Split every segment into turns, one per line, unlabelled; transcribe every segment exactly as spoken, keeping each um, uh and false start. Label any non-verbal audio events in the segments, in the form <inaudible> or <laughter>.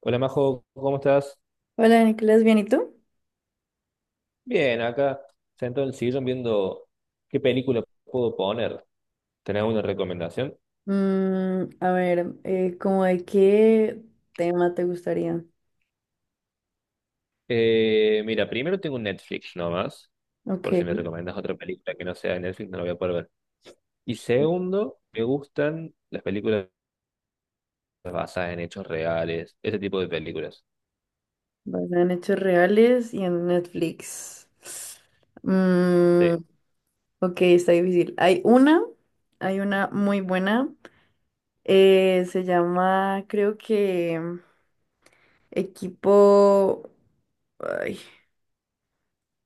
Hola Majo, ¿cómo estás?
Hola Nicolás, ¿bien y tú?
Bien, acá sentado en el sillón viendo qué película puedo poner. ¿Tenés alguna recomendación?
Mm, a ver, eh, ¿cómo de qué tema te gustaría?
Eh, mira, primero tengo un Netflix nomás,
Ok,
por si me recomendas otra película que no sea de Netflix, no la voy a poder ver. Y segundo, me gustan las películas basadas en hechos reales, ese tipo de películas.
basada en hechos reales y en Netflix. Mm,
Sí,
ok, está difícil. Hay una, hay una muy buena, eh, se llama, creo que Equipo... ay,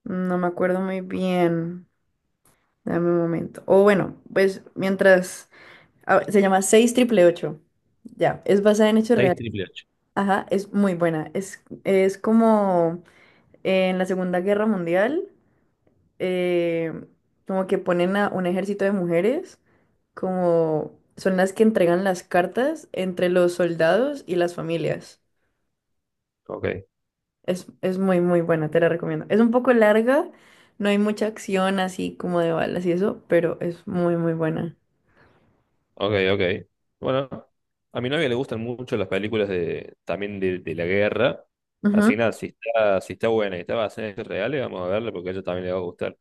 no me acuerdo muy bien. Dame un momento. O bueno, pues mientras... ah, se llama seis triple ocho. Ya, es basada en hechos
seis
reales.
triple ocho.
Ajá, es muy buena. Es, es como en la Segunda Guerra Mundial, eh, como que ponen a un ejército de mujeres, como son las que entregan las cartas entre los soldados y las familias.
Ok.
Es, es muy, muy buena, te la recomiendo. Es un poco larga, no hay mucha acción así como de balas y eso, pero es muy, muy buena.
Ok, ok. Bueno, a mi novia le gustan mucho las películas de, también de, de la guerra. Así que nada, si está, si está buena y está basada en hechos reales, vamos a verla porque a ella también le va a gustar.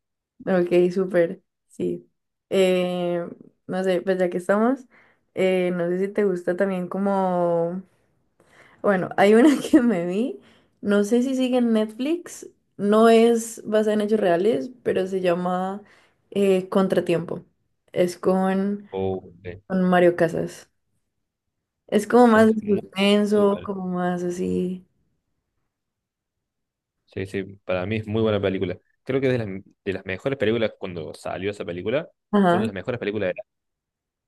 Ok, súper, sí. Eh, no sé, pues ya que estamos, eh, no sé si te gusta también como... Bueno, hay una <laughs> que me vi, no sé si sigue en Netflix, no es basada en hechos reales, pero se llama eh, Contratiempo. Es con,
Oh, eh,
con Mario Casas. Es como más
es
de
muy, muy
suspenso,
buena.
como más así.
Sí, sí, para mí es muy buena película. Creo que es de las, de las mejores películas cuando salió esa película. Fue una
Ajá,
de las mejores películas de la...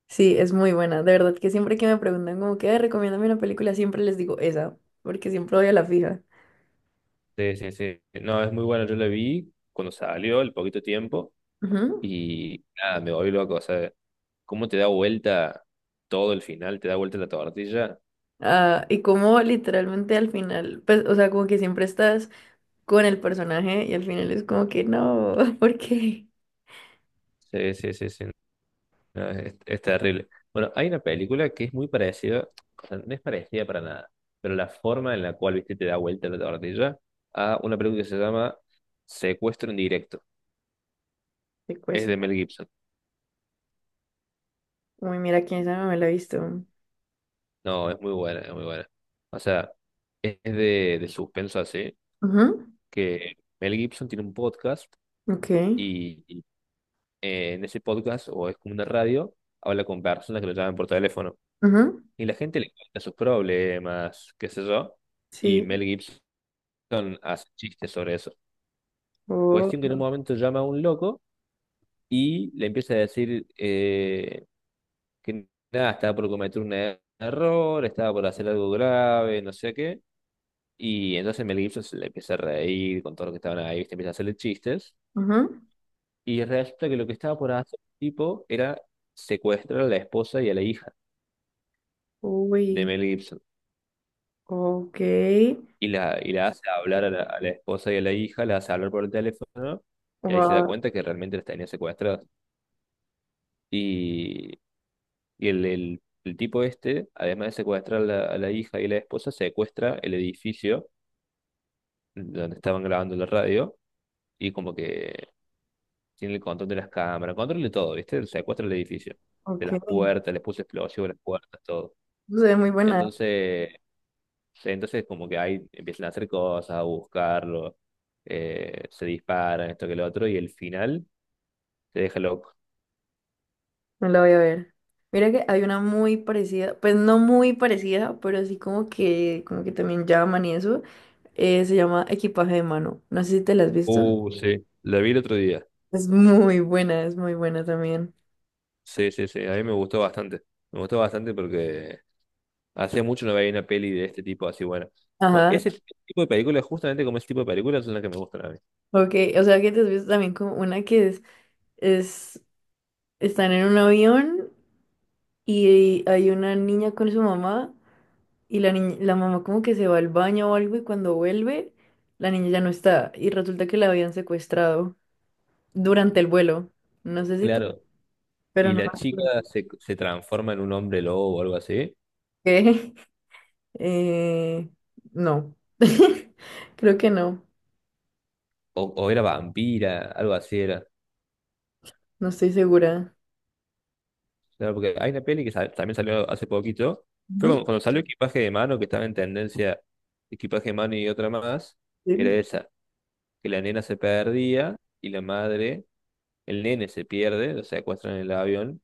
sí, es muy buena. De verdad que siempre que me preguntan como que "Ay, recomiéndame una película, siempre les digo esa, porque siempre voy a la fija.
Sí, sí, sí. No, es muy buena. Yo la vi cuando salió, el poquito tiempo.
Ujú.
Y nada, me volví loco. O sea, cómo te da vuelta todo el final, te da vuelta la tortilla.
Ah, y como literalmente al final, pues, o sea, como que siempre estás con el personaje y al final es como que no, <laughs> ¿por qué?
Sí, sí, sí, sí. No, es, es terrible. Bueno, hay una película que es muy parecida, o sea, no es parecida para nada, pero la forma en la cual, viste, te da vuelta la tortilla a una película que se llama Secuestro en directo.
Te
Es de
cuesta.
Mel Gibson.
Uy, mira, quién sabe, me la he visto.
No, es muy buena, es muy buena. O sea, es de, de suspenso así,
Ujú,
que Mel Gibson tiene un podcast
ok.
y, y, eh, en ese podcast, o es como una radio, habla con personas que lo llaman por teléfono
Ujú,
y la gente le cuenta sus problemas, qué sé yo. Y
sí.
Mel Gibson son, hace chistes sobre eso.
Oh,
Cuestión que en un momento llama a un loco y le empieza a decir eh, que nada, estaba por cometer un er- error, estaba por hacer algo grave, no sé qué. Y entonces Mel Gibson se le empieza a reír con todo lo que estaban ahí, ¿viste? Empieza a hacerle chistes.
ujú.
Y resulta que lo que estaba por hacer el tipo era secuestrar a la esposa y a la hija de
Uy,
Mel Gibson.
ok.
Y la, y la hace hablar a la, a la esposa y a la hija, la hace hablar por el teléfono, y ahí se da
Wow,
cuenta que realmente las tenía secuestradas. Y Y el, el- el tipo este, además de secuestrar a la, a la hija y la esposa, secuestra el edificio donde estaban grabando la radio y como que tiene el control de las cámaras, control de todo, ¿viste? Secuestra el edificio, de las
ok.
puertas, les puso explosivo a las puertas, todo.
Se ve muy buena, ¿eh?
Entonces, se- entonces como que ahí empiezan a hacer cosas, a buscarlo, eh, se disparan, esto que lo otro, y el final te deja loco.
Me la voy a ver. Mira que hay una muy parecida, pues no muy parecida, pero sí como que, como que también llaman y eso. Eh, se llama Equipaje de Mano. No sé si te la has visto.
Uh, sí, la vi el otro día.
Es muy buena, es muy buena también.
Sí, sí, sí, a mí me gustó bastante. Me gustó bastante porque hace mucho no veía una peli de este tipo así buena. O-
Ajá,
Ese tipo de películas, justamente como ese tipo de películas, son las que me gustan a mí.
ok. O sea que te has visto también como una que es, es, están en un avión y hay una niña con su mamá y la niña, la mamá como que se va al baño o algo y cuando vuelve, la niña ya no está y resulta que la habían secuestrado durante el vuelo. No sé si te...
Claro.
Pero
Y
no
la
me
chica
acuerdo.
se, se transforma en un hombre lobo o algo así.
¿Qué? <laughs> Eh, no. <laughs> Creo que no.
O, o era vampira, algo así era.
No estoy segura.
Claro, porque hay una peli que sa- también salió hace poquito. Fue
Ujú.
cuando, cuando salió Equipaje de Mano, que estaba en tendencia Equipaje de Mano y otra más.
Sí.
Era esa, que la nena se perdía y la madre, el nene se pierde, lo secuestran en el avión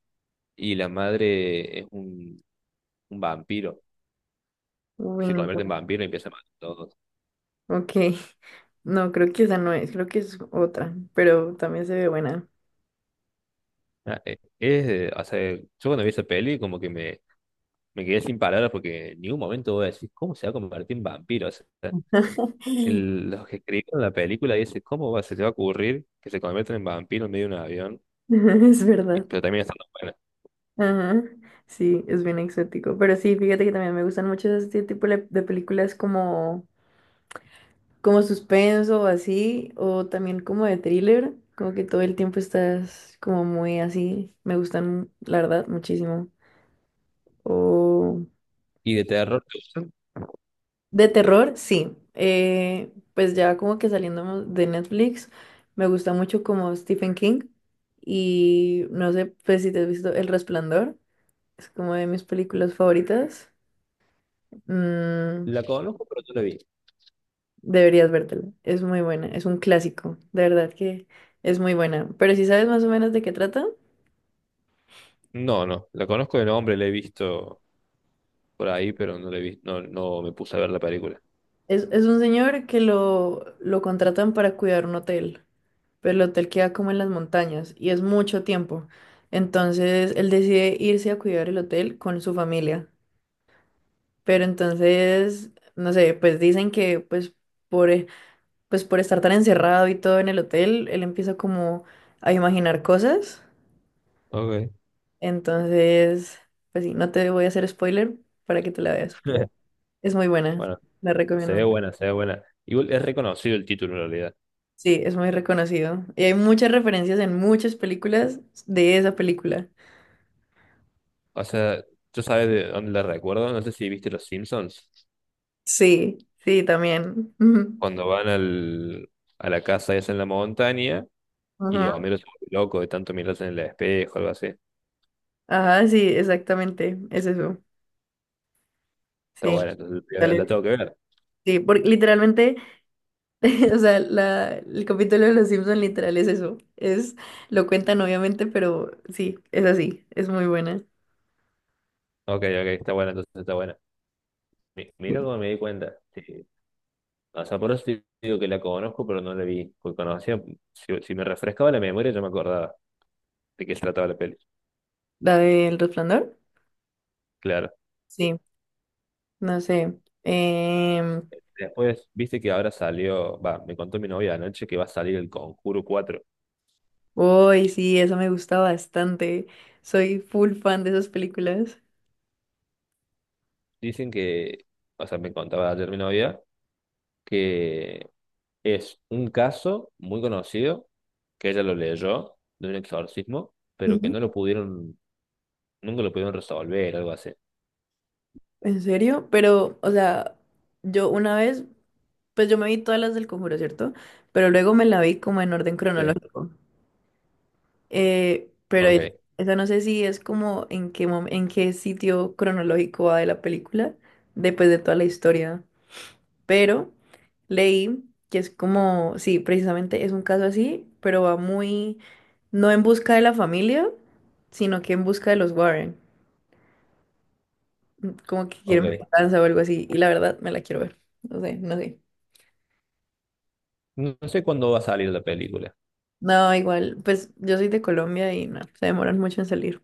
y la madre es un un vampiro.
Uy,
Se
no.
convierte en vampiro y empieza a matar a todos.
Ok. No, creo que esa no es, creo que es otra, pero también se ve buena.
Ah, eh, Es, eh, o sea, yo cuando vi esa peli como que me, me quedé sin palabras porque en ningún momento voy a decir, ¿cómo se va a convertir en vampiro? O sea, el- los que escribieron la película dicen, ¿cómo va, se te va a ocurrir que se conviertan en vampiro en medio de un avión?
<laughs> Es
Y-
verdad.
pero también está buena.
Ajá. Sí, es bien exótico. Pero sí, fíjate que también me gustan mucho este tipo de de películas como, como suspenso o así, o también como de thriller, como que todo el tiempo estás como muy así. Me gustan, la verdad, muchísimo. O
Y de terror,
de terror, sí. Eh, pues ya como que saliendo de Netflix, me gusta mucho como Stephen King y no sé pues si te has visto El Resplandor, es como de mis películas favoritas. Mm,
la conozco, pero no la vi.
deberías vértela, es muy buena, es un clásico, de verdad que es muy buena. Pero si sabes más o menos de qué trata.
No, no, la conozco de nombre, la he visto por ahí, pero no la he visto, no, no me puse a ver la película.
Es, es un señor que lo, lo contratan para cuidar un hotel, pero el hotel queda como en las montañas y es mucho tiempo. Entonces él decide irse a cuidar el hotel con su familia. Pero entonces, no sé, pues dicen que pues por, eh, pues por estar tan encerrado y todo en el hotel, él empieza como a imaginar cosas.
Ok.
Entonces, pues sí, no te voy a hacer spoiler para que te la veas, pero
<laughs>
es muy buena,
Bueno,
la
se ve
recomiendo.
buena, se ve buena. Igual es reconocido el título en realidad.
Sí, es muy reconocido. Y hay muchas referencias en muchas películas de esa película.
O sea, yo sabes de dónde la recuerdo, no sé si viste Los Simpsons,
Sí, sí, también. Ujú.
cuando van al, a la casa esa en la montaña y
Ajá,
Homero se vuelve loco de tanto mirarse en el espejo, algo así.
ajá, sí, exactamente. Es eso.
Está
Sí,
buena, entonces la la
dale.
tengo que ver.
Sí, porque literalmente, <laughs> o sea, la, el capítulo de Los Simpson literal es eso. Es, lo cuentan obviamente, pero sí, es así. Es muy buena.
Ok, ok, está buena, entonces está buena. Mi-
Sí.
Mira cómo me di cuenta. Sí. O sea, por eso te digo que la conozco, pero no la vi. Porque conocía, si, si me refrescaba la memoria, yo me acordaba de qué se trataba la peli.
¿La del resplandor?
Claro.
Sí, no sé. Em,
Después, viste que ahora salió, va, me contó mi novia anoche que va a salir el Conjuro cuatro.
uy, sí, eso me gusta bastante. Soy full fan de esas películas.
Dicen que, o sea, me contaba ayer mi novia que es un caso muy conocido, que ella lo leyó de un exorcismo, pero que no lo
Ujú.
pudieron, nunca lo pudieron resolver, algo así.
¿En serio? Pero, o sea, yo una vez, pues yo me vi todas las del Conjuro, ¿cierto? Pero luego me la vi como en orden
Sí,
cronológico. Eh, pero
ok,
es- esa no sé si es como en qué mom- en qué sitio cronológico va de la película, después de toda la historia. Pero leí que es como, sí, precisamente es un caso así, pero va muy, no en busca de la familia, sino que en busca de los Warren, como que
ok.
quieren venganza o algo así, y la verdad me la quiero ver, no sé, no sé.
No no sé cuándo va a salir la película.
No, igual, pues yo soy de Colombia y no, se demoran mucho en salir.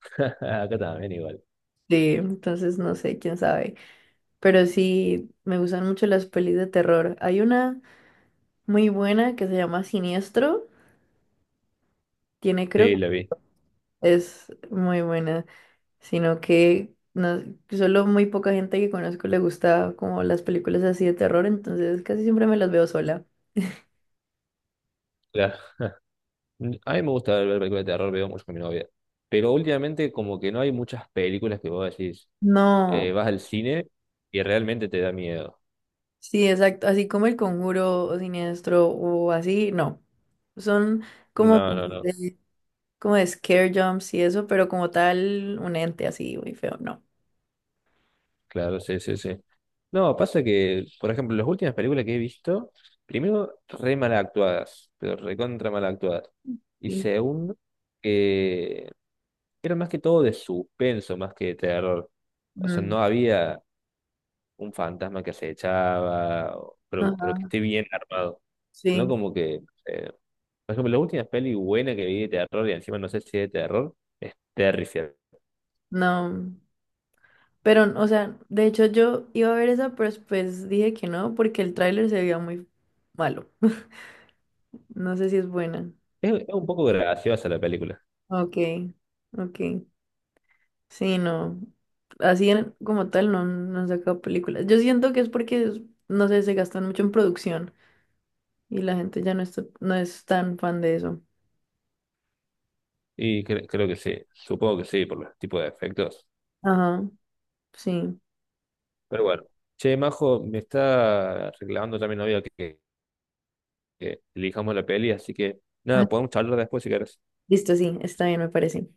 <laughs> Acá también igual.
Sí, entonces no sé, quién sabe. Pero sí, me gustan mucho las pelis de terror. Hay una muy buena que se llama Siniestro. Tiene,
Sí,
creo,
la vi.
es muy buena. Sino que no, solo muy poca gente que conozco le gusta como las películas así de terror, entonces casi siempre me las veo sola.
Claro, a mí me gusta ver películas de terror, veo mucho con mi novia. Pero últimamente como que no hay muchas películas que vos decís,
No,
eh, vas al cine y realmente te da miedo.
sí, exacto, así como El Conjuro o Siniestro o así, no. Son como
No, no, no.
de, como de scare jumps y eso, pero como tal, un ente así muy feo, no.
Claro, sí, sí, sí. No, pasa que, por ejemplo, las últimas películas que he visto, primero, re mal actuadas, pero recontra mal actuadas. Y
Sí.
segundo, que eran más que todo de suspenso, más que de terror. O sea,
Mm,
no había un fantasma que se echaba o- pero, pero que
ajá,
esté bien armado. Sino
sí,
como que, eh, por ejemplo, la última peli buena que vi de terror, y encima no sé si es de terror, es Terrifier.
no. Pero, o sea, de hecho yo iba a ver esa, pero después dije que no, porque el tráiler se veía muy malo. No sé si es buena.
Es, es un poco graciosa la película.
Ok, ok. Sí, no. Así en- como tal no, no han sacado películas. Yo siento que es porque, es- no sé, se gastan mucho en producción y la gente ya no está, no es tan fan de eso.
Y cre- creo que sí, supongo que sí, por los tipos de efectos.
Ajá, sí.
Pero bueno, che, Majo, me está reclamando también novia que, que elijamos la peli, así que
Ah,
nada, podemos charlar después si querés.
listo, sí, está bien, me parece.